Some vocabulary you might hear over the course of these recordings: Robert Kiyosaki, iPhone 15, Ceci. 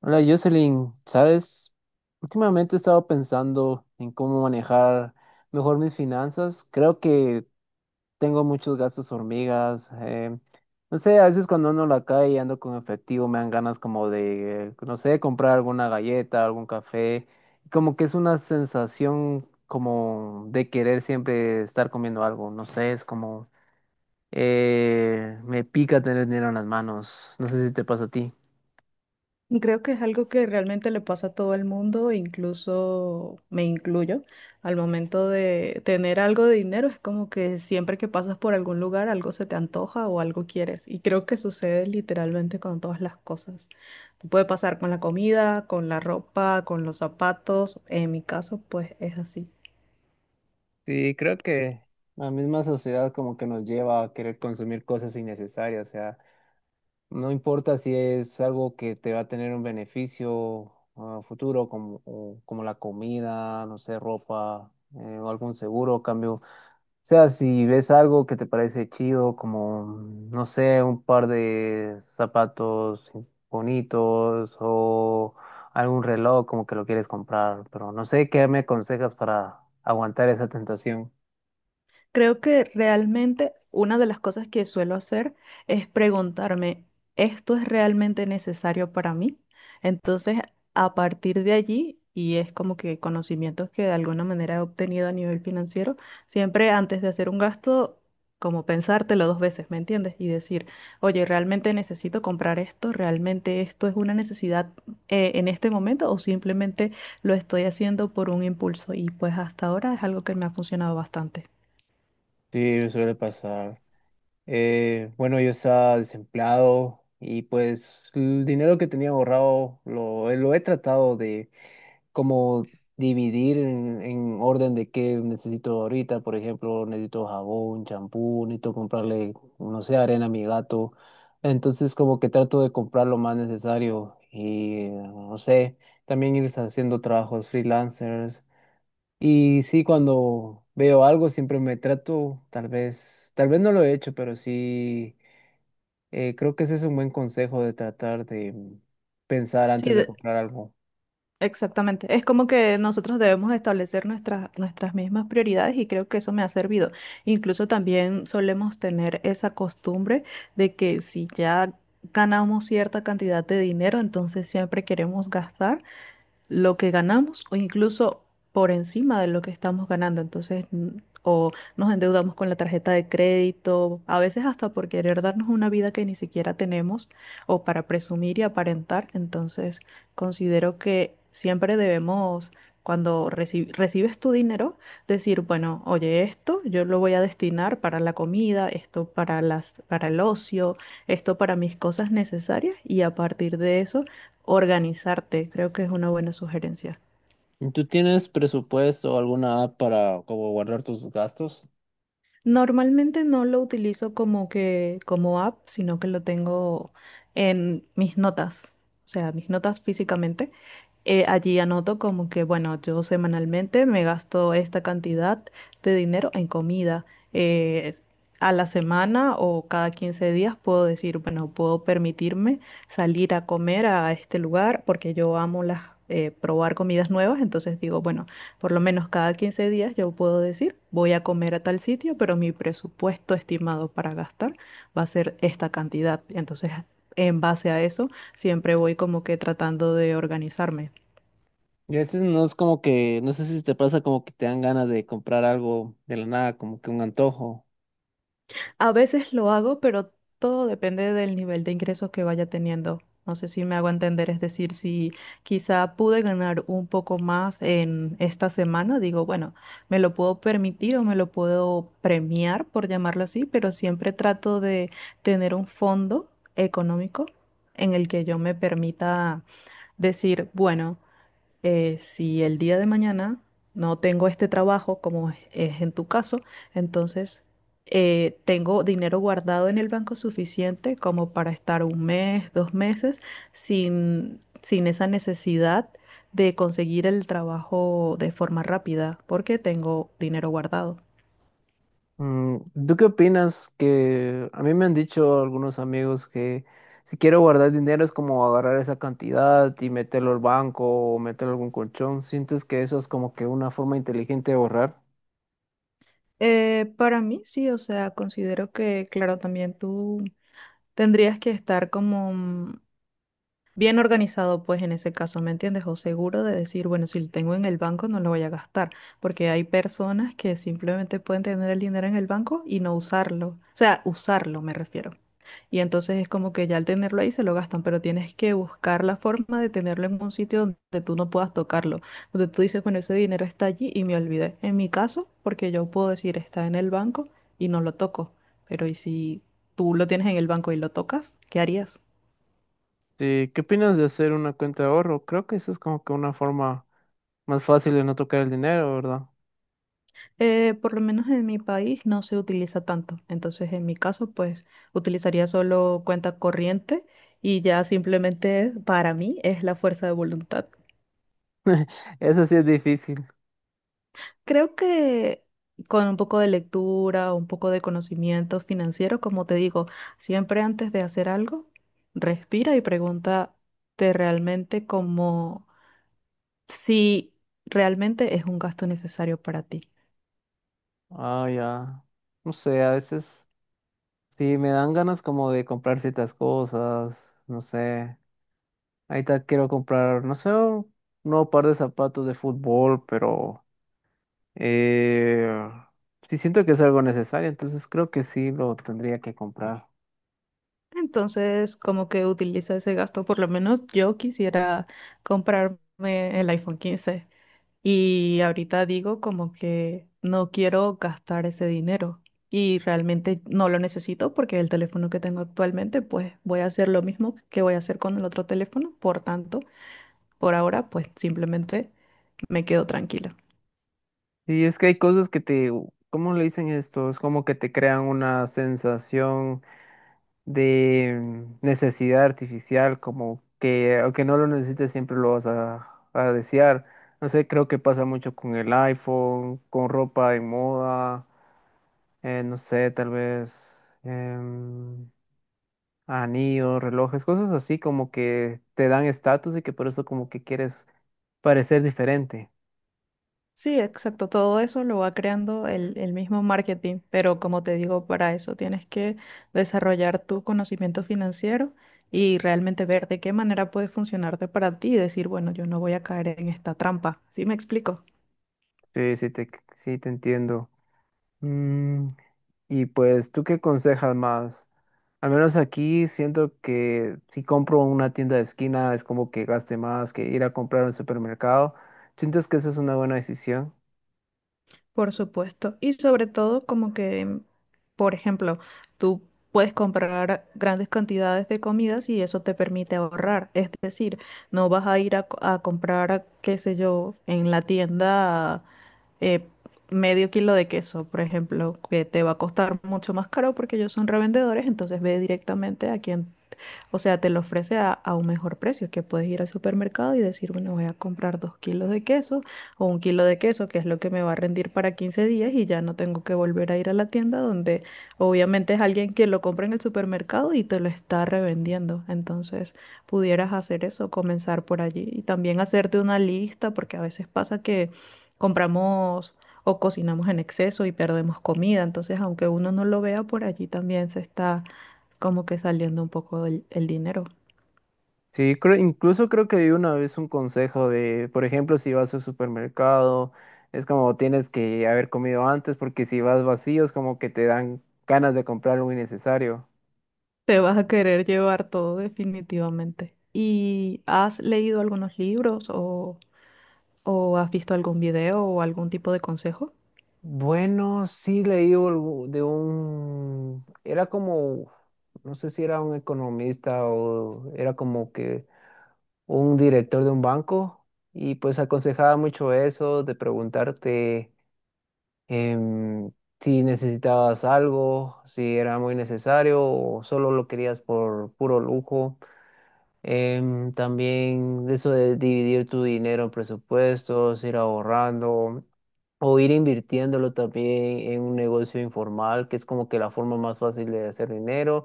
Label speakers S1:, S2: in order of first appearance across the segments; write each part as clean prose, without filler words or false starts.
S1: Hola Jocelyn, ¿sabes? Últimamente he estado pensando en cómo manejar mejor mis finanzas. Creo que tengo muchos gastos hormigas. No sé, a veces cuando ando en la calle y ando con efectivo me dan ganas como de, no sé, comprar alguna galleta, algún café. Como que es una sensación como de querer siempre estar comiendo algo. No sé, es como me pica tener dinero en las manos. No sé si te pasa a ti.
S2: Creo que es algo que realmente le pasa a todo el mundo, incluso me incluyo. Al momento de tener algo de dinero, es como que siempre que pasas por algún lugar, algo se te antoja o algo quieres. Y creo que sucede literalmente con todas las cosas. Te puede pasar con la comida, con la ropa, con los zapatos. En mi caso, pues es así.
S1: Sí, creo que la misma sociedad como que nos lleva a querer consumir cosas innecesarias, o sea, no importa si es algo que te va a tener un beneficio a futuro, como, como la comida, no sé, ropa, o algún seguro, cambio. O sea, si ves algo que te parece chido, como, no sé, un par de zapatos bonitos o algún reloj, como que lo quieres comprar, pero no sé qué me aconsejas para aguantar esa tentación.
S2: Creo que realmente una de las cosas que suelo hacer es preguntarme, ¿esto es realmente necesario para mí? Entonces, a partir de allí, y es como que conocimientos que de alguna manera he obtenido a nivel financiero, siempre antes de hacer un gasto, como pensártelo dos veces, ¿me entiendes? Y decir, oye, ¿realmente necesito comprar esto? ¿Realmente esto es una necesidad en este momento o simplemente lo estoy haciendo por un impulso? Y pues hasta ahora es algo que me ha funcionado bastante.
S1: Sí, suele pasar. Bueno, yo estaba desempleado y pues el dinero que tenía ahorrado lo he tratado de como dividir en orden de qué necesito ahorita. Por ejemplo, necesito jabón, champú, necesito comprarle, no sé, arena a mi gato. Entonces como que trato de comprar lo más necesario y no sé, también ir haciendo trabajos freelancers. Y sí, cuando veo algo siempre me trato, tal vez no lo he hecho, pero sí, creo que ese es un buen consejo de tratar de pensar
S2: Sí,
S1: antes de comprar algo.
S2: exactamente. Es como que nosotros debemos establecer nuestras mismas prioridades y creo que eso me ha servido. Incluso también solemos tener esa costumbre de que si ya ganamos cierta cantidad de dinero, entonces siempre queremos gastar lo que ganamos o incluso por encima de lo que estamos ganando. Entonces, o nos endeudamos con la tarjeta de crédito, a veces hasta por querer darnos una vida que ni siquiera tenemos o para presumir y aparentar. Entonces, considero que siempre debemos, cuando recibes tu dinero, decir, bueno, oye, esto yo lo voy a destinar para la comida, esto para el ocio, esto para mis cosas necesarias y a partir de eso organizarte, creo que es una buena sugerencia.
S1: ¿Tú tienes presupuesto o alguna app para como guardar tus gastos?
S2: Normalmente no lo utilizo como que como app, sino que lo tengo en mis notas, o sea, mis notas físicamente. Allí anoto como que, bueno, yo semanalmente me gasto esta cantidad de dinero en comida. Eh, a la semana o cada 15 días puedo decir, bueno, puedo permitirme salir a comer a este lugar porque yo amo las, probar comidas nuevas. Entonces digo, bueno, por lo menos cada 15 días yo puedo decir, voy a comer a tal sitio, pero mi presupuesto estimado para gastar va a ser esta cantidad. Entonces, en base a eso, siempre voy como que tratando de organizarme.
S1: Y a veces no es como que, no sé si te pasa como que te dan ganas de comprar algo de la nada, como que un antojo.
S2: A veces lo hago, pero todo depende del nivel de ingresos que vaya teniendo. No sé si me hago entender, es decir, si quizá pude ganar un poco más en esta semana, digo, bueno, me lo puedo permitir o me lo puedo premiar, por llamarlo así, pero siempre trato de tener un fondo económico en el que yo me permita decir, bueno, si el día de mañana no tengo este trabajo, como es en tu caso, entonces, tengo dinero guardado en el banco suficiente como para estar un mes, dos meses, sin esa necesidad de conseguir el trabajo de forma rápida, porque tengo dinero guardado.
S1: Mm, ¿tú qué opinas? Que a mí me han dicho algunos amigos que si quiero guardar dinero es como agarrar esa cantidad y meterlo al banco o meterlo a algún colchón. ¿Sientes que eso es como que una forma inteligente de ahorrar?
S2: Para mí sí, o sea, considero que, claro, también tú tendrías que estar como... bien organizado, pues en ese caso, ¿me entiendes? O seguro de decir, bueno, si lo tengo en el banco no lo voy a gastar, porque hay personas que simplemente pueden tener el dinero en el banco y no usarlo, o sea, usarlo me refiero. Y entonces es como que ya al tenerlo ahí se lo gastan, pero tienes que buscar la forma de tenerlo en un sitio donde tú no puedas tocarlo, donde tú dices, bueno, ese dinero está allí y me olvidé. En mi caso, porque yo puedo decir, está en el banco y no lo toco, pero ¿y si tú lo tienes en el banco y lo tocas? ¿Qué harías?
S1: Sí, ¿qué opinas de hacer una cuenta de ahorro? Creo que eso es como que una forma más fácil de no tocar el dinero, ¿verdad?
S2: Por lo menos en mi país no se utiliza tanto. Entonces, en mi caso, pues utilizaría solo cuenta corriente y ya simplemente para mí es la fuerza de voluntad.
S1: Eso sí es difícil.
S2: Creo que con un poco de lectura, un poco de conocimiento financiero, como te digo, siempre antes de hacer algo, respira y pregúntate realmente como si realmente es un gasto necesario para ti.
S1: Ah, ya. No sé, a veces sí me dan ganas como de comprar ciertas cosas, no sé. Ahorita quiero comprar, no sé, un nuevo par de zapatos de fútbol, pero eh, sí siento que es algo necesario, entonces creo que sí lo tendría que comprar.
S2: Entonces, como que utiliza ese gasto, por lo menos yo quisiera comprarme el iPhone 15 y ahorita digo como que no quiero gastar ese dinero y realmente no lo necesito porque el teléfono que tengo actualmente, pues voy a hacer lo mismo que voy a hacer con el otro teléfono, por tanto, por ahora, pues simplemente me quedo tranquila.
S1: Sí, es que hay cosas que te, ¿cómo le dicen esto? Es como que te crean una sensación de necesidad artificial, como que aunque no lo necesites siempre lo vas a desear. No sé, creo que pasa mucho con el iPhone, con ropa de moda, no sé, tal vez em, anillos, relojes, cosas así como que te dan estatus y que por eso como que quieres parecer diferente.
S2: Sí, exacto. Todo eso lo va creando el mismo marketing, pero como te digo, para eso tienes que desarrollar tu conocimiento financiero y realmente ver de qué manera puede funcionarte para ti y decir, bueno, yo no voy a caer en esta trampa. ¿Sí me explico?
S1: Sí, sí te, sí te entiendo. Mm, y pues, ¿tú qué aconsejas más? Al menos aquí siento que si compro en una tienda de esquina es como que gaste más que ir a comprar a un supermercado. ¿Sientes que esa es una buena decisión?
S2: Por supuesto. Y sobre todo como que, por ejemplo, tú puedes comprar grandes cantidades de comidas y eso te permite ahorrar. Es decir, no vas a ir a comprar, qué sé yo, en la tienda, eh, medio kilo de queso, por ejemplo, que te va a costar mucho más caro porque ellos son revendedores, entonces ve directamente a quien, o sea, te lo ofrece a un mejor precio, que puedes ir al supermercado y decir, bueno, voy a comprar dos kilos de queso o un kilo de queso, que es lo que me va a rendir para 15 días y ya no tengo que volver a ir a la tienda donde obviamente es alguien que lo compra en el supermercado y te lo está revendiendo. Entonces, pudieras hacer eso, comenzar por allí y también hacerte una lista, porque a veces pasa que compramos o cocinamos en exceso y perdemos comida. Entonces, aunque uno no lo vea por allí, también se está como que saliendo un poco el dinero.
S1: Sí, creo, incluso creo que di una vez un consejo de, por ejemplo, si vas al supermercado, es como tienes que haber comido antes porque si vas vacío es como que te dan ganas de comprar algo innecesario.
S2: Te vas a querer llevar todo definitivamente. ¿Y has leído algunos libros o has visto algún video o algún tipo de consejo?
S1: Bueno, sí leí algo de un, era como, no sé si era un economista o era como que un director de un banco y pues aconsejaba mucho eso de preguntarte em, si necesitabas algo, si era muy necesario o solo lo querías por puro lujo. Em, también de eso de dividir tu dinero en presupuestos, ir ahorrando. O ir invirtiéndolo también en un negocio informal, que es como que la forma más fácil de hacer dinero.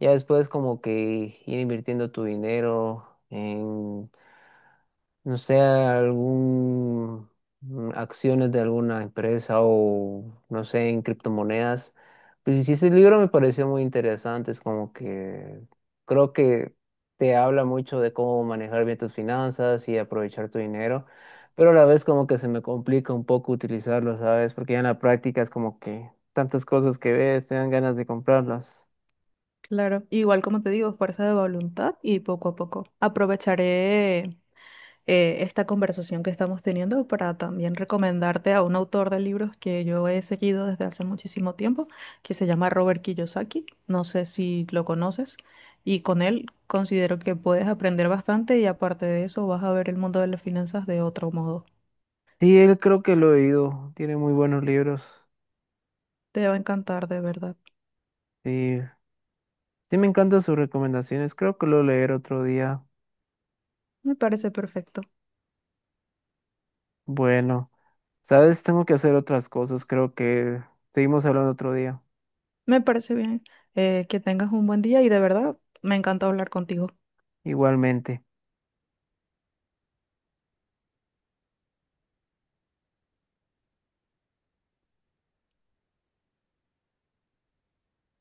S1: Ya después como que ir invirtiendo tu dinero no sé, algún acciones de alguna empresa o no sé, en criptomonedas. Pues sí, ese libro me pareció muy interesante, es como que creo que te habla mucho de cómo manejar bien tus finanzas y aprovechar tu dinero, pero a la vez como que se me complica un poco utilizarlo, ¿sabes? Porque ya en la práctica es como que tantas cosas que ves, te dan ganas de comprarlas.
S2: Claro, igual como te digo, fuerza de voluntad y poco a poco. Aprovecharé esta conversación que estamos teniendo para también recomendarte a un autor de libros que yo he seguido desde hace muchísimo tiempo, que se llama Robert Kiyosaki. No sé si lo conoces. Y con él considero que puedes aprender bastante y aparte de eso vas a ver el mundo de las finanzas de otro modo.
S1: Sí, él creo que lo he oído, tiene muy buenos libros.
S2: Te va a encantar, de verdad.
S1: Sí, Sí, me encantan sus recomendaciones. Creo que lo leeré otro día.
S2: Me parece perfecto.
S1: Bueno, sabes, tengo que hacer otras cosas. Creo que seguimos hablando otro día.
S2: Me parece bien. Que tengas un buen día y de verdad me encanta hablar contigo.
S1: Igualmente.